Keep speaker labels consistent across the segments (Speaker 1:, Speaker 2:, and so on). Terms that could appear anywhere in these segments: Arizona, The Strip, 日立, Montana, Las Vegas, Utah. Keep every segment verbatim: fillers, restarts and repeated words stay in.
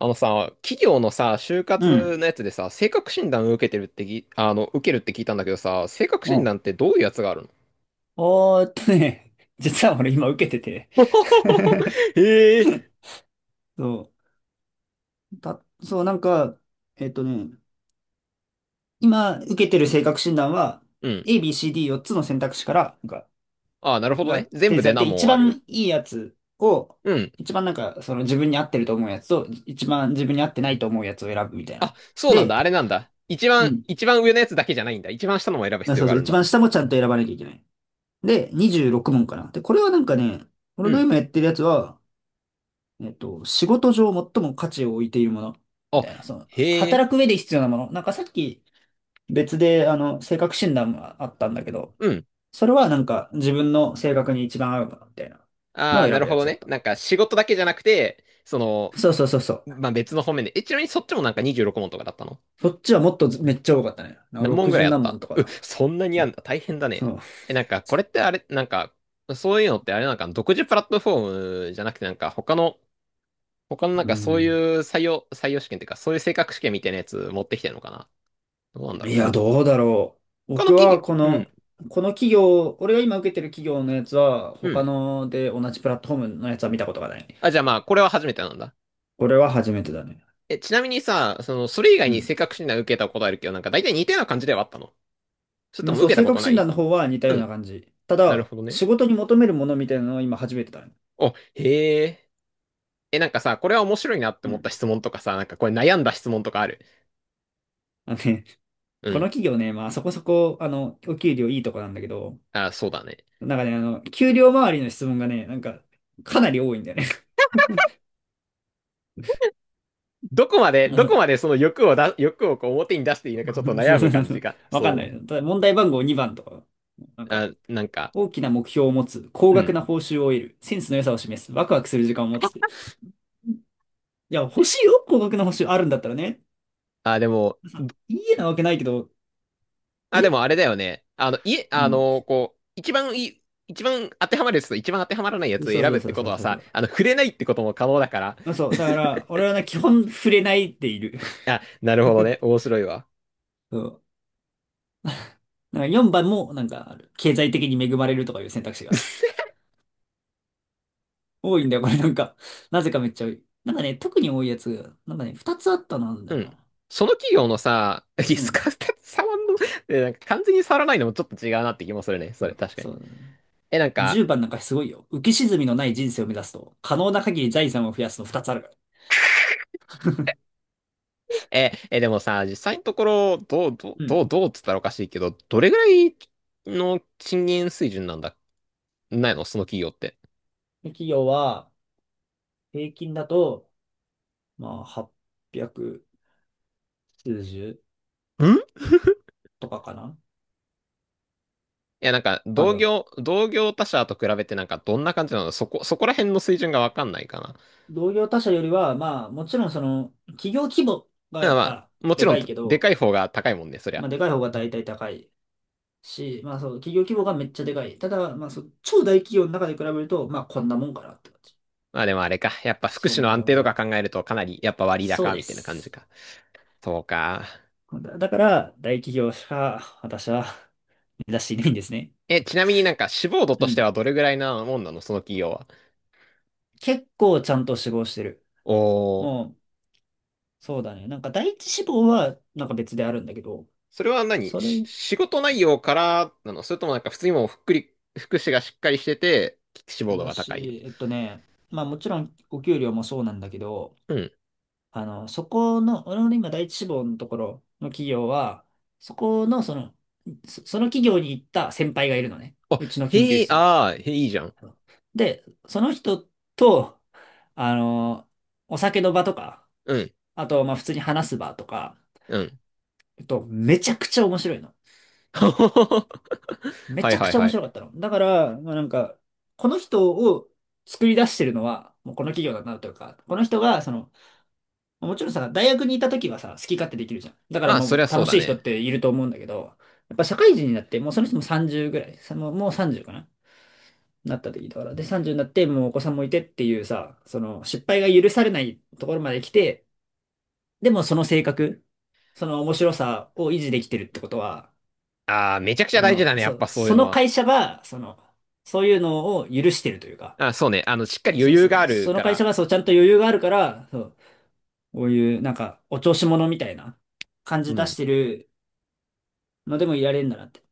Speaker 1: あのさ、企業のさ、就
Speaker 2: うん。
Speaker 1: 活のやつでさ、性格診断を受けてるってぎ、あの、受けるって聞いたんだけどさ、性格
Speaker 2: う
Speaker 1: 診
Speaker 2: ん。
Speaker 1: 断ってどういうやつがある
Speaker 2: おーっとね、実は俺今受けてて。
Speaker 1: の？ へ え。
Speaker 2: そう、た、そう、なんか、えっとね、今受けてる性格診断は、
Speaker 1: うん。
Speaker 2: A、B、C、ディーよっ つの選択肢から、なんか、
Speaker 1: ああ、なるほど
Speaker 2: が
Speaker 1: ね。
Speaker 2: 提
Speaker 1: 全部
Speaker 2: 示さ
Speaker 1: で
Speaker 2: れて、
Speaker 1: 何
Speaker 2: 一
Speaker 1: 問ある？
Speaker 2: 番いいやつを、
Speaker 1: うん。
Speaker 2: 一番なんか、その自分に合ってると思うやつと、一番自分に合ってないと思うやつを選ぶみたい
Speaker 1: あ、
Speaker 2: な。
Speaker 1: そうなん
Speaker 2: で、
Speaker 1: だ。あれなんだ。一
Speaker 2: う
Speaker 1: 番、
Speaker 2: ん。
Speaker 1: 一番上のやつだけじゃないんだ。一番下のも選ぶ
Speaker 2: あ、
Speaker 1: 必要
Speaker 2: そう
Speaker 1: があ
Speaker 2: そう、
Speaker 1: るん
Speaker 2: 一
Speaker 1: だ。
Speaker 2: 番下もちゃんと選ばなきゃいけない。で、にじゅうろく問かな。で、これはなんかね、
Speaker 1: う
Speaker 2: 俺が
Speaker 1: ん。
Speaker 2: 今やってるやつは、えっと、仕事上最も価値を置いているもの、み
Speaker 1: あ、
Speaker 2: たいな、その、
Speaker 1: へえ。
Speaker 2: 働く上で必要なもの。なんかさっき別で、あの、性格診断があったんだけど、
Speaker 1: うん。
Speaker 2: それはなんか自分の性格に一番合うもの、みたいなの
Speaker 1: あ
Speaker 2: を
Speaker 1: あ、な
Speaker 2: 選
Speaker 1: る
Speaker 2: ぶや
Speaker 1: ほど
Speaker 2: つだっ
Speaker 1: ね。
Speaker 2: た。
Speaker 1: なんか仕事だけじゃなくて、その、
Speaker 2: そうそうそうそう。
Speaker 1: まあ、別の方面で。え、ちなみにそっちもなんかにじゅうろく問とかだったの？
Speaker 2: そっちはもっとめっちゃ多かったね。なんか
Speaker 1: 何問ぐらい
Speaker 2: ろくじゅう
Speaker 1: あっ
Speaker 2: 何問
Speaker 1: た
Speaker 2: と
Speaker 1: う、
Speaker 2: か。
Speaker 1: そんなにあんだ。大変だ
Speaker 2: そ
Speaker 1: ね。
Speaker 2: う、
Speaker 1: え、なんか、これってあれ、なんか、そういうのってあれなんか、独自プラットフォームじゃなくて、なんか、他の、他のなん
Speaker 2: う
Speaker 1: か、そうい
Speaker 2: ん。
Speaker 1: う採用、採用試験っていうか、そういう性格試験みたいなやつ持ってきてるのかな？どうなんだ
Speaker 2: い
Speaker 1: ろう。
Speaker 2: や、どうだろう。
Speaker 1: 他の
Speaker 2: 僕
Speaker 1: 企業、
Speaker 2: はこ
Speaker 1: うん、
Speaker 2: の、この企業、俺が今受けてる企業のやつは、
Speaker 1: う
Speaker 2: 他
Speaker 1: ん。
Speaker 2: ので同じプラットフォームのやつは見たことがない。
Speaker 1: あ、じゃあまあ、これは初めてなんだ。
Speaker 2: これは初めてだね。
Speaker 1: え、ちなみにさ、その、それ以
Speaker 2: う
Speaker 1: 外に
Speaker 2: ん。
Speaker 1: 性格診断受けたことあるけど、なんか、大体似たような感じではあったの？それと
Speaker 2: まあ、
Speaker 1: も
Speaker 2: そう、
Speaker 1: 受けた
Speaker 2: 性
Speaker 1: こと
Speaker 2: 格
Speaker 1: な
Speaker 2: 診断
Speaker 1: い？
Speaker 2: の方は似た
Speaker 1: う
Speaker 2: ような
Speaker 1: ん。
Speaker 2: 感じ。た
Speaker 1: なる
Speaker 2: だ、
Speaker 1: ほどね。
Speaker 2: 仕事に求めるものみたいなのを今初めてだね。
Speaker 1: お、へえ。え、なんかさ、これは面白いなって
Speaker 2: う
Speaker 1: 思っ
Speaker 2: ん。
Speaker 1: た質問とかさ、なんかこれ悩んだ質問とかある？
Speaker 2: あのね、
Speaker 1: う
Speaker 2: この
Speaker 1: ん。
Speaker 2: 企業ね、まあそこそこ、あの、お給料いいとこなんだけど、
Speaker 1: あ、そうだね。
Speaker 2: なんかね、あの、給料周りの質問がね、なんか、かなり多いんだよね。
Speaker 1: どこまで、
Speaker 2: あ、
Speaker 1: ど
Speaker 2: そ
Speaker 1: こ
Speaker 2: う。
Speaker 1: までその欲をだ、欲をこう表に出していいのかちょっと
Speaker 2: そう
Speaker 1: 悩
Speaker 2: そ
Speaker 1: む
Speaker 2: うそう
Speaker 1: 感
Speaker 2: そ
Speaker 1: じ
Speaker 2: う。
Speaker 1: が。
Speaker 2: わか
Speaker 1: そ
Speaker 2: ん
Speaker 1: う
Speaker 2: ない。
Speaker 1: ね。
Speaker 2: ただ問題番号にばんとか、なんか、
Speaker 1: あ、なんか、
Speaker 2: 大きな目標を持つ、高
Speaker 1: う
Speaker 2: 額
Speaker 1: ん。
Speaker 2: な報酬を得る、センスの良さを示す、ワクワクする時間を持つって。いや、欲しいよ、高額な報酬あるんだったらね。
Speaker 1: あ、でも、
Speaker 2: いいえなわけないけど、
Speaker 1: あ、でもあれ
Speaker 2: え
Speaker 1: だよね。あの、いえ、
Speaker 2: う
Speaker 1: あ
Speaker 2: ん。
Speaker 1: の、こう、一番いい、一番当てはまるやつと一番当てはまらないやつを
Speaker 2: そう
Speaker 1: 選
Speaker 2: そ
Speaker 1: ぶ
Speaker 2: う
Speaker 1: っ
Speaker 2: そ
Speaker 1: て
Speaker 2: う
Speaker 1: こ
Speaker 2: そ
Speaker 1: と
Speaker 2: う
Speaker 1: は
Speaker 2: そうそ
Speaker 1: さ、
Speaker 2: う。
Speaker 1: あの、触れないってことも可能だから。
Speaker 2: あ、そう。だから、俺はね、基本触れないでいる。
Speaker 1: あ、なるほどね。面白いわ。
Speaker 2: そう。なんかよんばんも、なんかある、経済的に恵まれるとかいう選択肢がある。多いんだよ、これなんか。なぜかめっちゃ多い。なんかね、特に多いやつ、なんかね、ふたつあったのなんだよ
Speaker 1: うん。
Speaker 2: な。
Speaker 1: その企業のさ、リ
Speaker 2: う
Speaker 1: ス
Speaker 2: ん。
Speaker 1: カーって触んの、えなんか完全に触らないのもちょっと違うなって気もするね。
Speaker 2: う
Speaker 1: それ、
Speaker 2: ん、
Speaker 1: 確かに。
Speaker 2: そう。
Speaker 1: え、なんか、
Speaker 2: じゅうばんなんかすごいよ。浮き沈みのない人生を目指すと、可能な限り財産を増やすのふたつあるから。
Speaker 1: え、え、でもさ、実際のところ、どう、どう、
Speaker 2: う
Speaker 1: ど
Speaker 2: ん。
Speaker 1: う、どうっつったらおかしいけど、どれぐらいの賃金水準なんだ、ないのその企業って。
Speaker 2: で企業は、平均だと、まあ、はっぴゃく数十
Speaker 1: んい
Speaker 2: とかかな。
Speaker 1: や、なんか、
Speaker 2: 多
Speaker 1: 同
Speaker 2: 分。
Speaker 1: 業、同業他社と比べてなんか、どんな感じなのそこ、そこら辺の水準がわかんないかな。
Speaker 2: 同業他社よりは、まあ、もちろんその、企業規模が
Speaker 1: だ
Speaker 2: や
Speaker 1: から
Speaker 2: っ
Speaker 1: まあ、
Speaker 2: ぱ
Speaker 1: もち
Speaker 2: で
Speaker 1: ろ
Speaker 2: か
Speaker 1: ん、
Speaker 2: いけ
Speaker 1: で
Speaker 2: ど、
Speaker 1: かい方が高いもんね、そり
Speaker 2: ま
Speaker 1: ゃ。
Speaker 2: あ、でかい方が大体高いし、まあそう、企業規模がめっちゃでかい。ただ、まあそう、超大企業の中で比べると、まあこんなもんかなって感じ。
Speaker 1: まあでもあれか。やっぱ福
Speaker 2: そ
Speaker 1: 祉
Speaker 2: ん
Speaker 1: の
Speaker 2: な
Speaker 1: 安
Speaker 2: もん
Speaker 1: 定
Speaker 2: ぐ
Speaker 1: と
Speaker 2: ら
Speaker 1: か
Speaker 2: い。
Speaker 1: 考えると、かなり、やっぱ割
Speaker 2: そう
Speaker 1: 高、
Speaker 2: で
Speaker 1: みたいな感じ
Speaker 2: す。
Speaker 1: か。そうか。
Speaker 2: だだから、大企業しか私は目指していないんですね。
Speaker 1: え、ちなみになんか、志望度
Speaker 2: う
Speaker 1: として
Speaker 2: ん。
Speaker 1: はどれぐらいなもんなのその企業は。
Speaker 2: 結構ちゃんと志望してる。
Speaker 1: おー。
Speaker 2: もう、そうだね。なんか第一志望はなんか別であるんだけど、
Speaker 1: それは何
Speaker 2: それ
Speaker 1: し仕事内容からなのそれともなんか普通にもうふっくり、福祉がしっかりしてて、志望度
Speaker 2: だ
Speaker 1: が高い。
Speaker 2: し、えっとね、まあもちろんお給料もそうなんだけど、
Speaker 1: うん。
Speaker 2: あの、そこの、俺のね今第一志望のところの企業は、そこのその、そその企業に行った先輩がいるのね。
Speaker 1: あ、
Speaker 2: うちの研究
Speaker 1: へえ、
Speaker 2: 室に。
Speaker 1: ああ、へえ、いいじゃん。
Speaker 2: あので、その人と、あの、お酒の場とか、
Speaker 1: うん、
Speaker 2: あと、まあ普通に話す場とか、
Speaker 1: うん。
Speaker 2: えっと、めちゃくちゃ面白いの。め
Speaker 1: は
Speaker 2: ち
Speaker 1: い
Speaker 2: ゃく
Speaker 1: はい
Speaker 2: ちゃ
Speaker 1: は
Speaker 2: 面
Speaker 1: い。
Speaker 2: 白かったの。だから、まあなんか、この人を作り出してるのは、もうこの企業だなというか、この人が、その、もちろんさ、大学にいた時はさ、好き勝手できるじゃん。だから
Speaker 1: まあ、そ
Speaker 2: も
Speaker 1: り
Speaker 2: う
Speaker 1: ゃそ
Speaker 2: 楽
Speaker 1: うだ
Speaker 2: しい人っ
Speaker 1: ね。
Speaker 2: ていると思うんだけど、やっぱ社会人になって、もうその人もさんじゅうぐらい、さ、もうもうさんじゅうかな、なった時だから。で、さんじゅうになって、もうお子さんもいてっていうさ、その失敗が許されないところまで来て、でもその性格、その面白さを維持できてるってことは、
Speaker 1: ああ、めちゃくち
Speaker 2: そ
Speaker 1: ゃ大事だ
Speaker 2: の、
Speaker 1: ね、やっ
Speaker 2: そ、
Speaker 1: ぱそういう
Speaker 2: そ
Speaker 1: の
Speaker 2: の
Speaker 1: は。
Speaker 2: 会社が、その、そういうのを許してるというか、
Speaker 1: あ、そうね。あの、しっかり余
Speaker 2: そ、
Speaker 1: 裕
Speaker 2: そ、
Speaker 1: がある
Speaker 2: その
Speaker 1: か
Speaker 2: 会
Speaker 1: ら。
Speaker 2: 社がそうちゃんと余裕があるから、そう、こういうなんかお調子者みたいな感
Speaker 1: う
Speaker 2: じ出し
Speaker 1: ん。
Speaker 2: てるのでもいられるんだなって。っ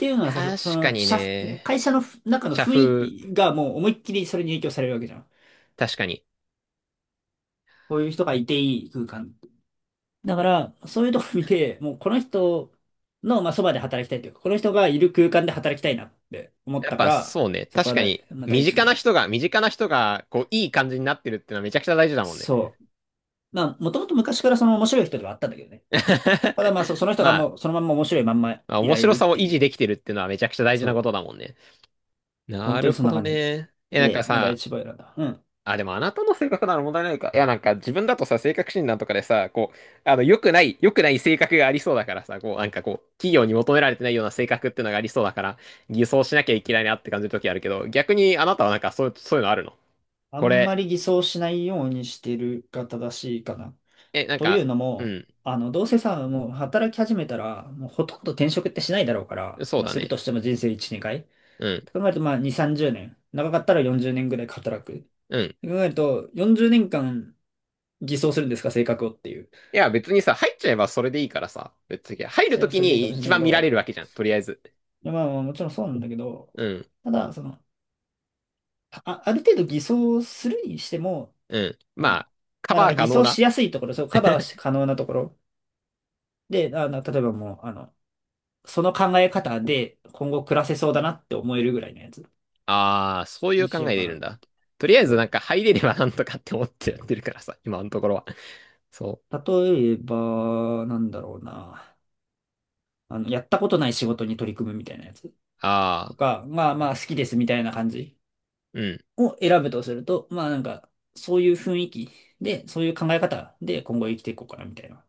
Speaker 2: ていうのはさ、そそ
Speaker 1: 確か
Speaker 2: の、
Speaker 1: に
Speaker 2: 社、
Speaker 1: ね。
Speaker 2: 会社のふ中の
Speaker 1: 社
Speaker 2: 雰囲
Speaker 1: 風、
Speaker 2: 気がもう思いっきりそれに影響されるわけじゃん。
Speaker 1: 確かに。
Speaker 2: こういう人がいていい空間。だから、そういうとこ見て、もうこの人の、まあ、そばで働きたいというか、この人がいる空間で働きたいなって思っ
Speaker 1: やっ
Speaker 2: たか
Speaker 1: ぱ
Speaker 2: ら、
Speaker 1: そうね。
Speaker 2: そこ
Speaker 1: 確
Speaker 2: は
Speaker 1: か
Speaker 2: 第、
Speaker 1: に、
Speaker 2: まあ、第
Speaker 1: 身
Speaker 2: 一か
Speaker 1: 近な
Speaker 2: な。
Speaker 1: 人が、身近な人が、こう、いい感じになってるってのはめちゃくちゃ大事だもんね。
Speaker 2: そう。まあ、もともと昔からその面白い人ではあったんだけどね。ただまあ、そ、そ の人が
Speaker 1: まあ、
Speaker 2: もうそのまんま面白いまんま
Speaker 1: まあ
Speaker 2: い
Speaker 1: 面
Speaker 2: られ
Speaker 1: 白
Speaker 2: るっ
Speaker 1: さを
Speaker 2: て
Speaker 1: 維
Speaker 2: い
Speaker 1: 持
Speaker 2: う。
Speaker 1: できてるっていうのはめちゃくちゃ大事
Speaker 2: そ
Speaker 1: なこと
Speaker 2: う。
Speaker 1: だもんね。
Speaker 2: 本
Speaker 1: な
Speaker 2: 当に
Speaker 1: る
Speaker 2: そん
Speaker 1: ほ
Speaker 2: な
Speaker 1: ど
Speaker 2: 感じ。
Speaker 1: ね。え、なんか
Speaker 2: で、もう第
Speaker 1: さ、
Speaker 2: 一番選んだ。うん。
Speaker 1: あ、でもあなたの性格なら問題ないか。いや、なんか自分だとさ、性格診断とかでさ、こう、あの、良くない、良くない性格がありそうだからさ、こう、なんかこう、企業に求められてないような性格っていうのがありそうだから、偽装しなきゃいけないなって感じる時あるけど、逆にあなたはなんかそういう、そういうのあるの？
Speaker 2: あ
Speaker 1: こ
Speaker 2: んま
Speaker 1: れ、
Speaker 2: り偽装しないようにしてるが正しいかな。
Speaker 1: え、なん
Speaker 2: という
Speaker 1: か、
Speaker 2: の
Speaker 1: う
Speaker 2: も、
Speaker 1: ん、
Speaker 2: あの、どうせさ、もう働き始めたら、もうほとんど転職ってしないだろうから、
Speaker 1: そう
Speaker 2: まあ、
Speaker 1: だ
Speaker 2: する
Speaker 1: ね。
Speaker 2: としても人生いち、年回。
Speaker 1: うん、
Speaker 2: と考えると、まあ、に、さんじゅうねん。長かったらよんじゅうねんぐらい働く。
Speaker 1: うん。
Speaker 2: と考えると、よんじゅうねんかん偽装するんですか、性格をっていう。
Speaker 1: いや、別にさ、入っちゃえばそれでいいからさ。別に、入
Speaker 2: そ
Speaker 1: る
Speaker 2: れ
Speaker 1: と
Speaker 2: は
Speaker 1: き
Speaker 2: それでいいか
Speaker 1: に
Speaker 2: もしれ
Speaker 1: 一
Speaker 2: ないけ
Speaker 1: 番見られ
Speaker 2: ど、
Speaker 1: るわけじゃん、とりあえず。
Speaker 2: いやまあ、まあもちろんそうなんだけど、
Speaker 1: うん、
Speaker 2: ただ、その、あ、ある程度偽装するにしても、
Speaker 1: うん。
Speaker 2: そ
Speaker 1: ま
Speaker 2: の、
Speaker 1: あ、カ
Speaker 2: まあ、なん
Speaker 1: バ
Speaker 2: か
Speaker 1: ー
Speaker 2: 偽
Speaker 1: 可能
Speaker 2: 装し
Speaker 1: な。
Speaker 2: やすいところ、そう、カバーし可能なところ。で、あの、例えばもう、あの、その考え方で今後暮らせそうだなって思えるぐらいのやつ
Speaker 1: ああ、そうい
Speaker 2: に
Speaker 1: う
Speaker 2: し
Speaker 1: 考
Speaker 2: よう
Speaker 1: え
Speaker 2: か
Speaker 1: でいるん
Speaker 2: な。
Speaker 1: だ。とりあえ
Speaker 2: そ
Speaker 1: ずなん
Speaker 2: う。
Speaker 1: か入れればなんとかって思ってやってるからさ、今のところは。そう。
Speaker 2: 例えば、なんだろうな。あの、やったことない仕事に取り組むみたいなやつ
Speaker 1: あ
Speaker 2: と
Speaker 1: あ、
Speaker 2: か、まあまあ好きですみたいな感じ
Speaker 1: うん。
Speaker 2: を選ぶとすると、まあなんか、そういう雰囲気で、そういう考え方で今後生きていこうかなみたいな。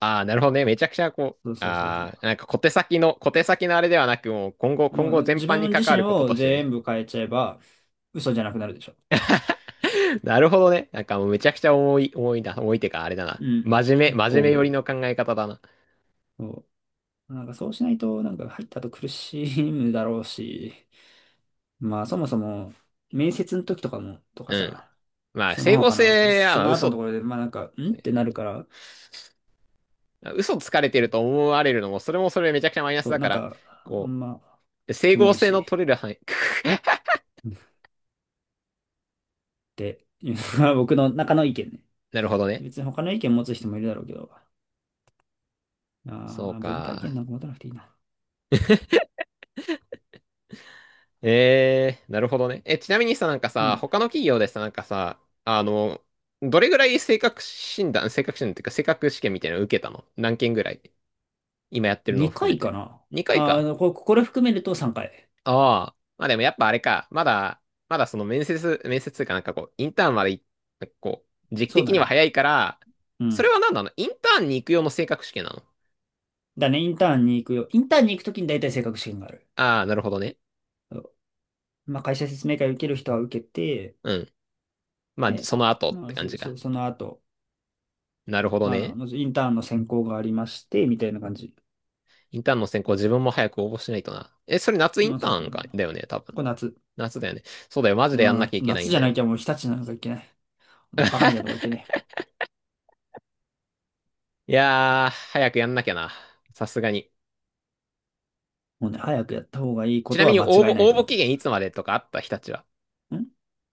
Speaker 1: ああ、なるほどね。めちゃくちゃこ
Speaker 2: そう
Speaker 1: う、
Speaker 2: そうそうそ
Speaker 1: ああ、
Speaker 2: う。
Speaker 1: なんか小手先の、小手先のあれではなく、もう今後、今
Speaker 2: も
Speaker 1: 後
Speaker 2: う
Speaker 1: 全
Speaker 2: 自
Speaker 1: 般に
Speaker 2: 分
Speaker 1: 関
Speaker 2: 自
Speaker 1: わ
Speaker 2: 身
Speaker 1: ること
Speaker 2: を
Speaker 1: として
Speaker 2: 全
Speaker 1: ね。
Speaker 2: 部変えちゃえば嘘じゃなくなるでしょ。
Speaker 1: なるほどね。なんかもうめちゃくちゃ重い、重いな、重いてかあれだな。
Speaker 2: うん。
Speaker 1: 真面目、
Speaker 2: 結
Speaker 1: 真
Speaker 2: 構
Speaker 1: 面目
Speaker 2: 思
Speaker 1: 寄りの考え方だな。
Speaker 2: う。なんかそうしないと、なんか入った後苦しむだろうし、まあそもそも、面接の時とかも、とか
Speaker 1: うん。
Speaker 2: さ、
Speaker 1: まあ、
Speaker 2: その
Speaker 1: 整合
Speaker 2: 他の、そ
Speaker 1: 性は、
Speaker 2: そ
Speaker 1: まあ、
Speaker 2: の後のと
Speaker 1: 嘘、
Speaker 2: ころで、まあなんか、んってなるから、
Speaker 1: 嘘つかれてると思われるのも、それもそれめちゃくちゃマイナス
Speaker 2: そう、
Speaker 1: だ
Speaker 2: な
Speaker 1: か
Speaker 2: ん
Speaker 1: ら、
Speaker 2: か、あ
Speaker 1: こ
Speaker 2: んま、
Speaker 1: う、整
Speaker 2: キモ
Speaker 1: 合
Speaker 2: い
Speaker 1: 性の
Speaker 2: し、
Speaker 1: 取れる範囲。
Speaker 2: っていうのが僕の中の意見ね。
Speaker 1: なるほどね。
Speaker 2: 別に他の意見持つ人もいるだろうけど、
Speaker 1: そう
Speaker 2: あー分配
Speaker 1: か。
Speaker 2: 権なんか持たなくていいな。
Speaker 1: えー、なるほどね。え、ちなみにさ、なんか
Speaker 2: う
Speaker 1: さ、
Speaker 2: ん。
Speaker 1: 他の企業でさ、なんかさ、あの、どれぐらい性格診断、性格診断っていうか、性格試験みたいなの受けたの何件ぐらい今やってるのを含
Speaker 2: 2
Speaker 1: め
Speaker 2: 回か
Speaker 1: て。
Speaker 2: な。
Speaker 1: にかい
Speaker 2: あ
Speaker 1: か。
Speaker 2: ーこ、これ含めるとさんかい。
Speaker 1: ああ、まあでもやっぱあれか、まだ、まだその面接、面接というかなんかこう、インターンまでい、こう、時期
Speaker 2: そう
Speaker 1: 的
Speaker 2: だ
Speaker 1: には
Speaker 2: ね。
Speaker 1: 早いから、
Speaker 2: う
Speaker 1: それ
Speaker 2: ん。
Speaker 1: は何なのインターンに行く用の性格試験なの？
Speaker 2: だね、インターンに行くよ。インターンに行くときに大体性格試験がある。
Speaker 1: ああ、なるほどね。
Speaker 2: まあ、会社説明会受ける人は受けて、
Speaker 1: うん。まあ、
Speaker 2: で、
Speaker 1: その後っ
Speaker 2: ま
Speaker 1: て
Speaker 2: あ、
Speaker 1: 感
Speaker 2: そ、
Speaker 1: じか。
Speaker 2: そ、その後、
Speaker 1: なるほど
Speaker 2: まあ、
Speaker 1: ね。
Speaker 2: まずインターンの選考がありまして、みたいな感じ。
Speaker 1: インターンの選考自分も早く応募しないとな。え、それ夏イン
Speaker 2: まあ、
Speaker 1: タ
Speaker 2: そうそ
Speaker 1: ー
Speaker 2: う。
Speaker 1: ンか、だよね、多分。
Speaker 2: これ夏。
Speaker 1: 夏だよね。そうだよ、マジでやんなき
Speaker 2: な、
Speaker 1: ゃいけない
Speaker 2: 夏
Speaker 1: ん
Speaker 2: じ
Speaker 1: だ
Speaker 2: ゃな
Speaker 1: よ。
Speaker 2: きゃもう日立なんかいけない。こんなバカみたいなとこ行けない。
Speaker 1: いやー、早くやんなきゃな。さすがに。
Speaker 2: もうね、早くやった方がいいこ
Speaker 1: ち
Speaker 2: と
Speaker 1: なみ
Speaker 2: は
Speaker 1: に応
Speaker 2: 間違
Speaker 1: 募、
Speaker 2: いない
Speaker 1: 応
Speaker 2: と
Speaker 1: 募
Speaker 2: 思
Speaker 1: 期限いつまでとかあった日立は。
Speaker 2: う。ん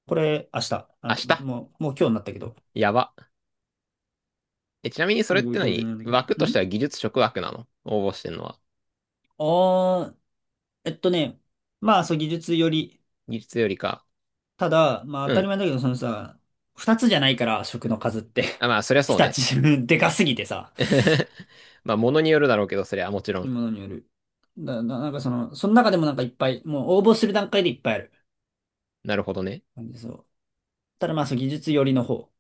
Speaker 2: これ、明日。あ、
Speaker 1: 明日
Speaker 2: もう、もう今日になったけど。
Speaker 1: やば。え、ちなみにそ
Speaker 2: ご
Speaker 1: れって
Speaker 2: 教授
Speaker 1: 何
Speaker 2: にな
Speaker 1: 枠
Speaker 2: る
Speaker 1: とし
Speaker 2: ん。
Speaker 1: て
Speaker 2: ん
Speaker 1: は技術職枠なの応募してんのは。
Speaker 2: ああー、えっとね、まあ、そう、技術より、
Speaker 1: 技術よりか。
Speaker 2: ただ、まあ
Speaker 1: う
Speaker 2: 当たり
Speaker 1: ん。
Speaker 2: 前だけど、そのさ、二つじゃないから、食の数って。
Speaker 1: あ、まあ、そりゃ そう
Speaker 2: 日
Speaker 1: ね。
Speaker 2: 立、でかすぎてさ、
Speaker 1: まあ、ものによるだろうけど、そりゃもちろん。
Speaker 2: ものによる。だ、な、なんかその、その中でもなんかいっぱい、もう応募する段階でいっぱいある。
Speaker 1: なるほどね。
Speaker 2: なんでそう。ただまあそう、技術寄りの方。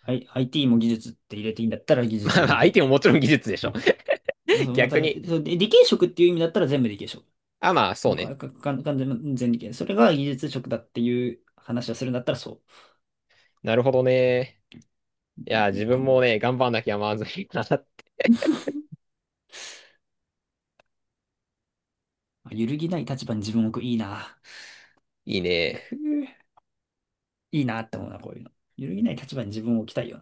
Speaker 2: はい、アイティー も技術って入れていいんだったら技
Speaker 1: ま
Speaker 2: 術寄
Speaker 1: あ、
Speaker 2: り
Speaker 1: ま
Speaker 2: の
Speaker 1: あ相
Speaker 2: 方。
Speaker 1: 手ももちろん技術でしょ。
Speaker 2: まあ そう、また、
Speaker 1: 逆に。
Speaker 2: そうで理系職っていう意味だったら全部理系職。
Speaker 1: あ、まあ、そ
Speaker 2: も
Speaker 1: う
Speaker 2: うか、
Speaker 1: ね。
Speaker 2: か、か、完全全理系。それが技術職だっていう話をするんだったらそ
Speaker 1: なるほどね。いや、
Speaker 2: うい
Speaker 1: 自
Speaker 2: う考
Speaker 1: 分
Speaker 2: え
Speaker 1: も
Speaker 2: で
Speaker 1: ね、
Speaker 2: すね。
Speaker 1: 頑張んなきゃまずいな。
Speaker 2: まあ揺るぎない立場に自分を置く。いいな。
Speaker 1: いいね。
Speaker 2: くぅいいなって思うな、こういうの。揺るぎない立場に自分を置きたいよ